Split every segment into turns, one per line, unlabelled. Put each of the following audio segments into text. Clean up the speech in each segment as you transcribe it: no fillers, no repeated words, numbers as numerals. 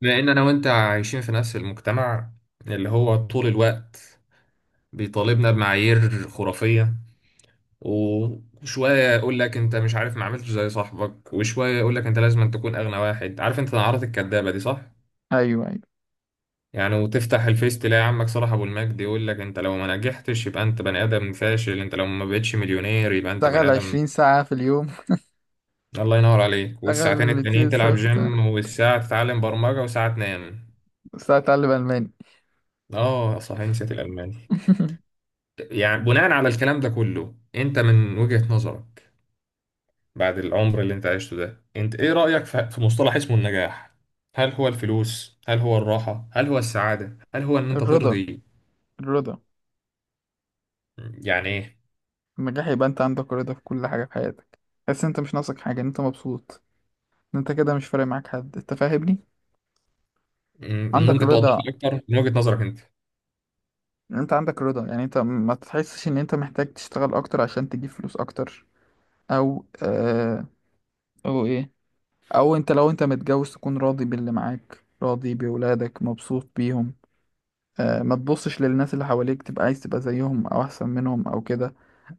لأن أنا وأنت عايشين في نفس المجتمع اللي هو طول الوقت بيطالبنا بمعايير خرافية. وشوية يقول لك أنت مش عارف، ما عملتش زي صاحبك، وشوية يقول لك أنت لازم أن تكون أغنى واحد. عارف أنت العادات الكدابة دي؟ صح؟
ايوه، ايوه،
يعني وتفتح الفيس تلاقي عمك صلاح أبو المجد يقول لك أنت لو ما نجحتش يبقى أنت بني آدم فاشل، أنت لو ما بقتش مليونير يبقى أنت بني
اشتغل
آدم.
20 ساعة في اليوم.
الله ينور عليك،
اشتغل
والساعتين التانيين
200 ساعة
تلعب جيم والساعة تتعلم برمجة وساعة تنام.
بس اتعلم الماني.
آه صحيح، نسيت الألماني. يعني بناء على الكلام ده كله، انت من وجهة نظرك بعد العمر اللي انت عشته ده، انت ايه رأيك في مصطلح اسمه النجاح؟ هل هو الفلوس؟ هل هو الراحة؟ هل هو السعادة؟ هل هو ان انت
الرضا.
ترضي؟
الرضا.
يعني ايه؟
النجاح يبقى انت عندك رضا في كل حاجة في حياتك. تحس إن انت مش ناقصك حاجة، إن انت مبسوط. ان انت كده مش فارق معاك حد، انت فاهمني؟
م-
عندك
ممكن توضح
رضا.
لي اكتر من وجهة نظرك انت؟
إن انت عندك رضا، يعني انت ما تحسش ان انت محتاج تشتغل اكتر عشان تجيب فلوس اكتر. او او ايه، او انت لو انت متجوز تكون راضي باللي معاك، راضي بأولادك، مبسوط بيهم. ما تبصش للناس اللي حواليك، تبقى عايز تبقى زيهم او احسن منهم او كده.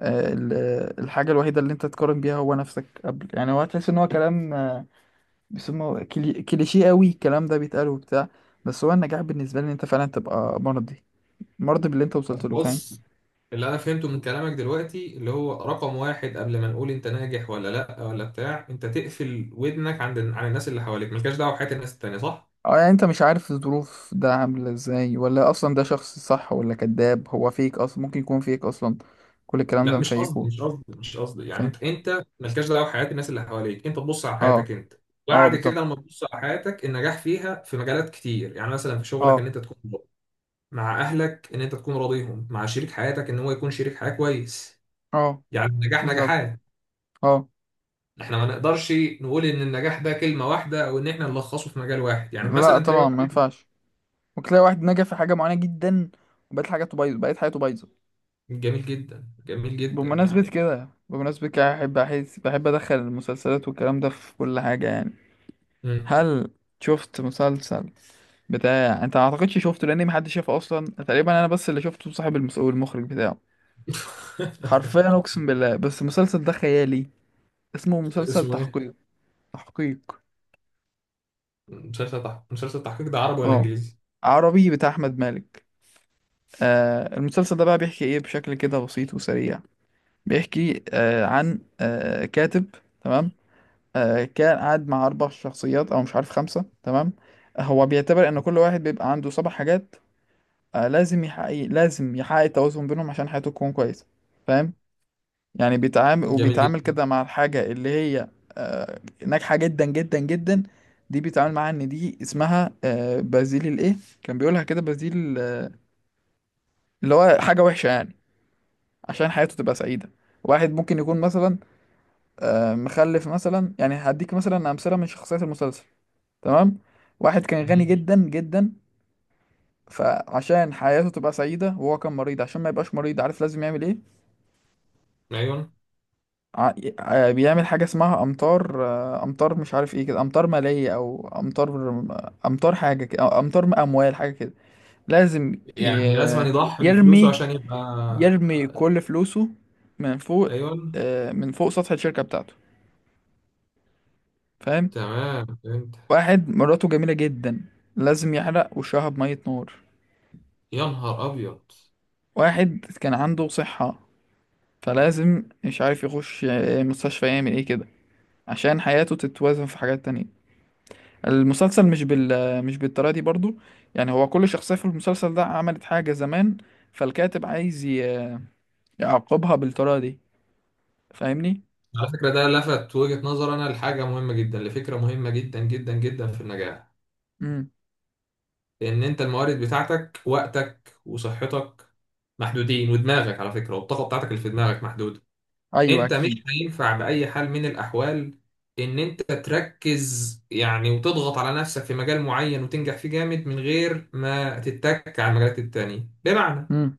الحاجه الوحيده اللي انت تقارن بيها هو نفسك قبل، يعني هو هتحس ان هو كلام بيسموه كليشيه، قوي الكلام ده بيتقال وبتاع. بس هو النجاح بالنسبه لي ان انت فعلا تبقى مرضي باللي انت وصلت له، فاهم؟
بص، اللي انا فهمته من كلامك دلوقتي اللي هو رقم واحد، قبل ما نقول انت ناجح ولا لا ولا بتاع، انت تقفل ودنك عند عن الناس اللي حواليك، ملكاش دعوه بحياه الناس التانيه، صح؟
اه، يعني انت مش عارف الظروف ده عامله ازاي، ولا اصلا ده شخص صح ولا كذاب، هو فيك اصلا، ممكن يكون فيك اصلا كل الكلام ده
لا
مفيكه.
مش قصدي يعني
فاهم؟
انت مالكش دعوه بحياه الناس اللي حواليك، انت تبص على
اه.
حياتك انت.
اه،
بعد
بالظبط.
كده لما تبص على حياتك، النجاح فيها في مجالات كتير. يعني مثلا في شغلك ان
اه.
انت تكون راضي، مع اهلك ان انت تكون راضيهم، مع شريك حياتك ان هو يكون شريك حياه كويس.
اه،
يعني النجاح
بالظبط.
نجاحات.
اه.
احنا ما نقدرش نقول ان النجاح ده كلمه واحده، او ان احنا نلخصه في مجال واحد. يعني
لا
مثلا تلاقي
طبعا، ما
واحد.
ينفعش. ممكن تلاقي واحد نجح في حاجة معينة جدا، وبقت حاجاته بايظة، بقت حياته بايظة.
جميل جدا، جميل جدا
بمناسبة
يعني.
كده، بمناسبة كده، بحب أحس، بحب أدخل المسلسلات والكلام ده في كل حاجة يعني.
مم.
هل شفت مسلسل بتاع، انت ما اعتقدش شفته، لان محدش شافه اصلا تقريبا، انا بس اللي شفته صاحب والمخرج بتاعه. حرفيا اقسم بالله، بس المسلسل ده خيالي. اسمه مسلسل
اسمه ايه؟
تحقيق. تحقيق.
مسلسل تحقيق. مسلسل تحقيق ده عربي ولا
اه،
انجليزي؟
عربي بتاع احمد مالك. المسلسل ده بقى بيحكي ايه بشكل كده بسيط وسريع؟ بيحكي عن كاتب. تمام. كان قاعد مع أربع شخصيات أو مش عارف خمسة، تمام. هو بيعتبر إن كل واحد بيبقى عنده سبع حاجات. لازم يحقق التوازن بينهم عشان حياته تكون كويسة، فاهم؟ يعني بيتعامل
جميل
وبيتعامل
جدا.
كده مع الحاجة اللي هي آه، ناجحة جدا جدا جدا. دي بيتعامل معاها إن دي اسمها بازيل الإيه؟ كان بيقولها كده بازيل، اللي هو حاجة وحشة يعني، عشان حياته تبقى سعيدة. واحد ممكن يكون مثلا مخلف مثلا، يعني هديك مثلا أمثلة من شخصيات المسلسل. تمام. واحد كان غني جدا جدا، فعشان حياته تبقى سعيدة، وهو كان مريض، عشان ما يبقاش مريض عارف لازم يعمل ايه؟
ايوه،
ع- بيعمل حاجة اسمها أمطار، أمطار، مش عارف ايه كده، أمطار مالية أو أمطار، أمطار حاجة كده، أو أمطار أموال حاجة كده. لازم
يعني لازم أن
ي-
يضحي بفلوسه
يرمي
عشان يبقى.
يرمي كل فلوسه من فوق،
ايوه.
من فوق سطح الشركة بتاعته، فاهم؟
تمام فهمت.
واحد مراته جميلة جدا، لازم يحرق وشها بمية نار.
يا نهار ابيض.
واحد كان عنده صحة، فلازم، مش عارف، يخش مستشفى، يعمل ايه كده، عشان حياته تتوازن في حاجات تانية. المسلسل مش مش بالطريقة دي برضو، يعني هو كل شخصية في المسلسل ده عملت حاجة زمان، فالكاتب عايز يعاقبها بالطريقة دي، فاهمني؟
على فكره، ده لفت وجهه نظر انا لحاجه مهمه جدا، لفكره مهمه جدا جدا جدا في النجاح.
امم.
ان انت الموارد بتاعتك وقتك وصحتك محدودين، ودماغك على فكره والطاقه بتاعتك اللي في دماغك محدوده.
ايوه،
انت مش
اكيد.
هينفع باي حال من الاحوال ان انت تركز يعني وتضغط على نفسك في مجال معين وتنجح فيه جامد من غير ما تتك على المجالات التانية، بمعنى.
امم.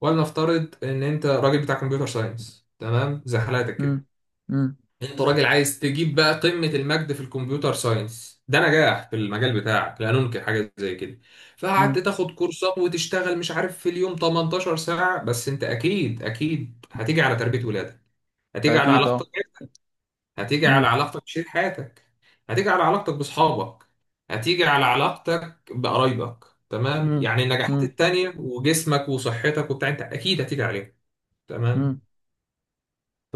ولنفترض ان انت راجل بتاع كمبيوتر ساينس، تمام، زي حالاتك كده.
امم. امم.
انت راجل عايز تجيب بقى قمة المجد في الكمبيوتر ساينس، ده نجاح في المجال بتاعك، لا ننكر حاجة زي كده. فقعدت
امم.
تاخد كورسات وتشتغل مش عارف في اليوم 18 ساعة. بس انت اكيد اكيد هتيجي على تربية ولادك، هتيجي على
اكيد،
علاقتك،
اه.
هتيجي على
امم.
علاقتك بشريك حياتك، هتيجي على علاقتك بأصحابك، هتيجي على علاقتك بقرايبك. تمام؟
امم.
يعني النجاحات
امم.
التانية وجسمك وصحتك وبتاع، انت اكيد هتيجي عليهم. تمام.
امم.
ف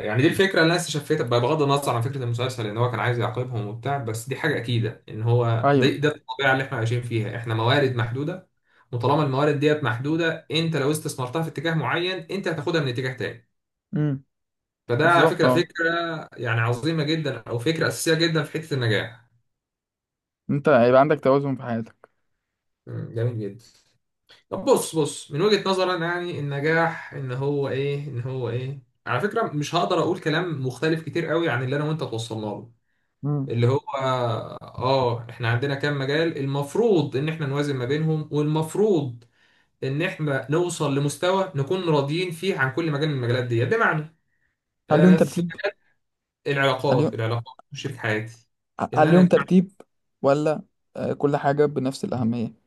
يعني دي الفكرة اللي انا استشفيتها بقى بغض النظر عن فكرة المسلسل، ان هو كان عايز يعاقبهم وبتاع. بس دي حاجة اكيدة ان هو ده
ايوه.
ده الطبيعة اللي احنا عايشين فيها. احنا موارد محدودة، وطالما الموارد ديت محدودة، انت لو استثمرتها في اتجاه معين انت هتاخدها من اتجاه تاني.
امم.
فده على
بالظبط،
فكرة
اه.
فكرة يعني عظيمة جدا، أو فكرة أساسية جدا في حتة النجاح.
انت هيبقى عندك توازن في حياتك.
مم، جميل جدا. طب بص بص، من وجهة نظري أنا، يعني النجاح إن هو إيه على فكرة، مش هقدر أقول كلام مختلف كتير قوي عن اللي أنا وأنت توصلنا له،
مم.
اللي هو إحنا عندنا كام مجال المفروض إن إحنا نوازن ما بينهم، والمفروض إن إحنا نوصل لمستوى نكون راضيين فيه عن كل مجال من المجالات دي. بمعنى
هل ليهم
في
ترتيب؟ هل
العلاقات،
ليهم
شريك حياتي، ان
هل
انا
ليهم
يكون.
ترتيب، ولا كل حاجة بنفس الأهمية؟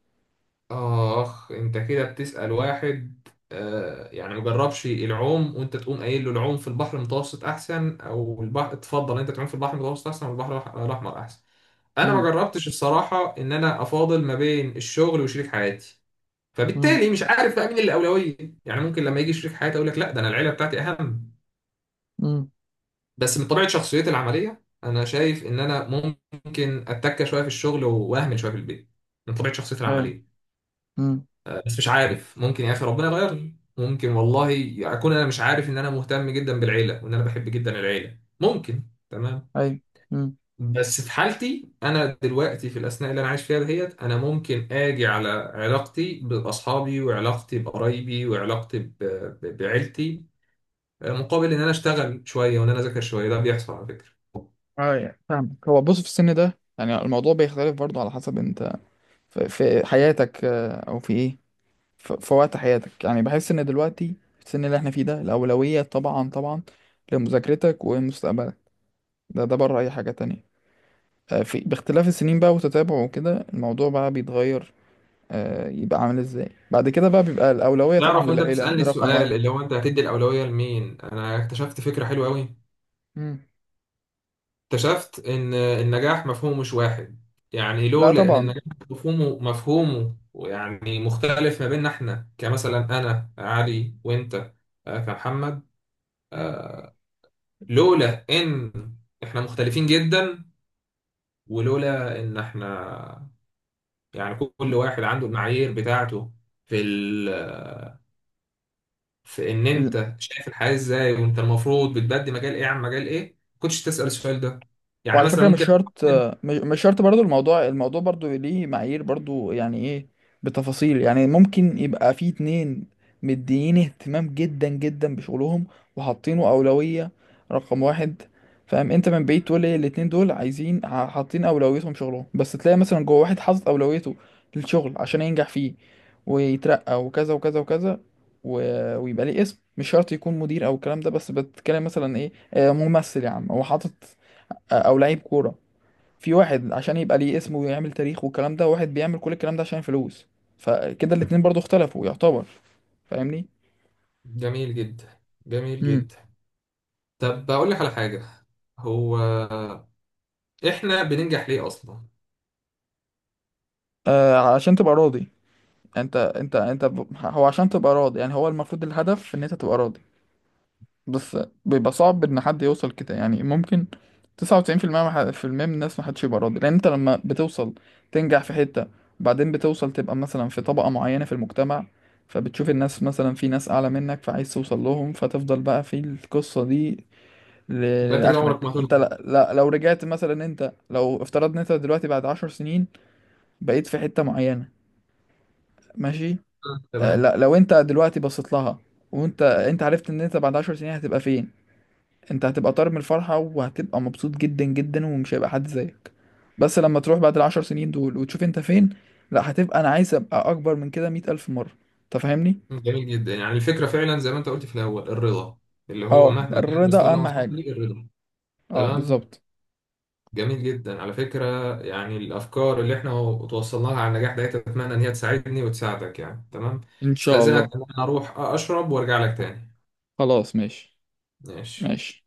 آخ، أنت كده بتسأل واحد يعني مجربش العوم، وأنت تقوم قايل له العوم في البحر المتوسط أحسن أو البحر، تفضل أنت تعوم في البحر المتوسط أحسن والبحر الأحمر أحسن. أنا ما
مم.
جربتش الصراحة إن أنا أفاضل ما بين الشغل وشريك حياتي،
مم.
فبالتالي مش عارف بقى مين اللي أولوية. يعني ممكن لما يجي شريك حياتي أقول لك لا، ده أنا العيلة بتاعتي أهم.
مم.
بس من طبيعة شخصيتي العملية أنا شايف إن أنا ممكن أتكة شوية في الشغل وأهمل شوية في البيت، من طبيعة شخصيتي
ايوه.
العملية.
مم.
بس مش عارف، ممكن يا اخي ربنا يغيرني، ممكن والله اكون انا مش عارف ان انا مهتم جدا بالعيله وان انا بحب جدا العيله، ممكن. تمام.
أيوة. مم.
بس في حالتي انا دلوقتي في الاثناء اللي انا عايش فيها دهيت، انا ممكن اجي على علاقتي باصحابي وعلاقتي بقرايبي وعلاقتي بعيلتي، مقابل ان انا اشتغل شويه وان انا اذاكر شويه، ده بيحصل على فكره.
ايوه، فاهمك. هو بص، في السن ده يعني الموضوع بيختلف برضه، على حسب انت في حياتك، او في ايه، في وقت حياتك يعني. بحس ان دلوقتي في السن اللي احنا فيه ده الأولوية طبعا طبعا لمذاكرتك ومستقبلك، ده بره اي حاجة تانية. في باختلاف السنين بقى وتتابعه وكده الموضوع بقى بيتغير. يبقى عامل ازاي بعد كده؟ بقى بيبقى الأولوية طبعا
تعرف، وانت
للعيلة،
بتسالني
ده رقم واحد.
السؤال اللي هو انت هتدي الاولويه لمين، انا اكتشفت فكره حلوه قوي.
مم.
اكتشفت ان النجاح مفهومه مش واحد. يعني
لا
لان
طبعا.
النجاح مفهومه يعني مختلف ما بيننا احنا، كمثلا انا علي وانت، كمحمد.
مم.
لولا ان احنا مختلفين جدا، ولولا ان احنا يعني كل واحد عنده المعايير بتاعته في في ان انت شايف الحياة ازاي، وانت المفروض بتبدي مجال ايه عن مجال ايه، ما كنتش تسأل السؤال ده. يعني
وعلى
مثلا
فكرة مش
ممكن.
شرط، مش شرط برضو، الموضوع برضو ليه معايير برضو، يعني ايه بتفاصيل؟ يعني ممكن يبقى في اتنين مديين اهتمام جدا جدا بشغلهم، وحاطينه أولوية رقم واحد، فاهم؟ انت من بعيد تقول ايه الاتنين دول عايزين، حاطين أولويتهم شغلهم، بس تلاقي مثلا جوه، واحد حاطط أولويته للشغل عشان ينجح فيه ويترقى وكذا وكذا وكذا، ويبقى ليه اسم، مش شرط يكون مدير او الكلام ده، بس بتتكلم مثلا ايه، ممثل يا عم هو حاطط، او لعيب كوره، في واحد عشان يبقى ليه اسمه ويعمل تاريخ والكلام ده، واحد بيعمل كل الكلام ده عشان فلوس، فكده الاتنين برضو اختلفوا يعتبر، فاهمني؟
جميل جدا، جميل
امم.
جدا. طب بقول لك على حاجة. هو احنا بننجح ليه اصلا؟
آه، عشان تبقى راضي. انت هو عشان تبقى راضي، يعني هو المفروض الهدف ان انت تبقى راضي بس. بيبقى صعب ان حد يوصل كده، يعني ممكن 99% في المية من الناس، محدش يبقى راضي، لان انت لما بتوصل تنجح في حتة، بعدين بتوصل تبقى مثلا في طبقة معينة في المجتمع، فبتشوف الناس مثلا في ناس اعلى منك، فعايز توصل لهم، فتفضل بقى في القصة دي
يبقى انت كده عمرك
لاخرك.
ما
انت
هترضى.
لا، لا لو رجعت مثلا، انت لو افترضنا انت دلوقتي بعد 10 سنين بقيت في حتة معينة، ماشي،
آه، تمام.
لا، لو انت دلوقتي بصيت لها، وانت عرفت ان انت بعد 10 سنين هتبقى فين، انت هتبقى طار من الفرحة وهتبقى مبسوط جدا جدا ومش هيبقى حد زيك. بس لما تروح بعد ال10 سنين دول وتشوف انت فين، لا، هتبقى انا عايز ابقى اكبر من كده 100 ألف مرة، انت فاهمني؟
جميل جدا، يعني الفكرة فعلا زي ما انت قلت في الاول، الرضا. اللي هو
اه،
مهما كان المستوى
الرضا
اللي أنا
اهم
وصلت
حاجة.
ليه، الرضا.
اه،
تمام.
بالظبط.
جميل جدا على فكرة، يعني الافكار اللي احنا توصلناها على النجاح ده اتمنى ان هي تساعدني وتساعدك يعني. تمام.
ان شاء
استأذنك
الله.
ان انا اروح اشرب وارجع لك تاني.
خلاص، ماشي.
ماشي.
ماشي.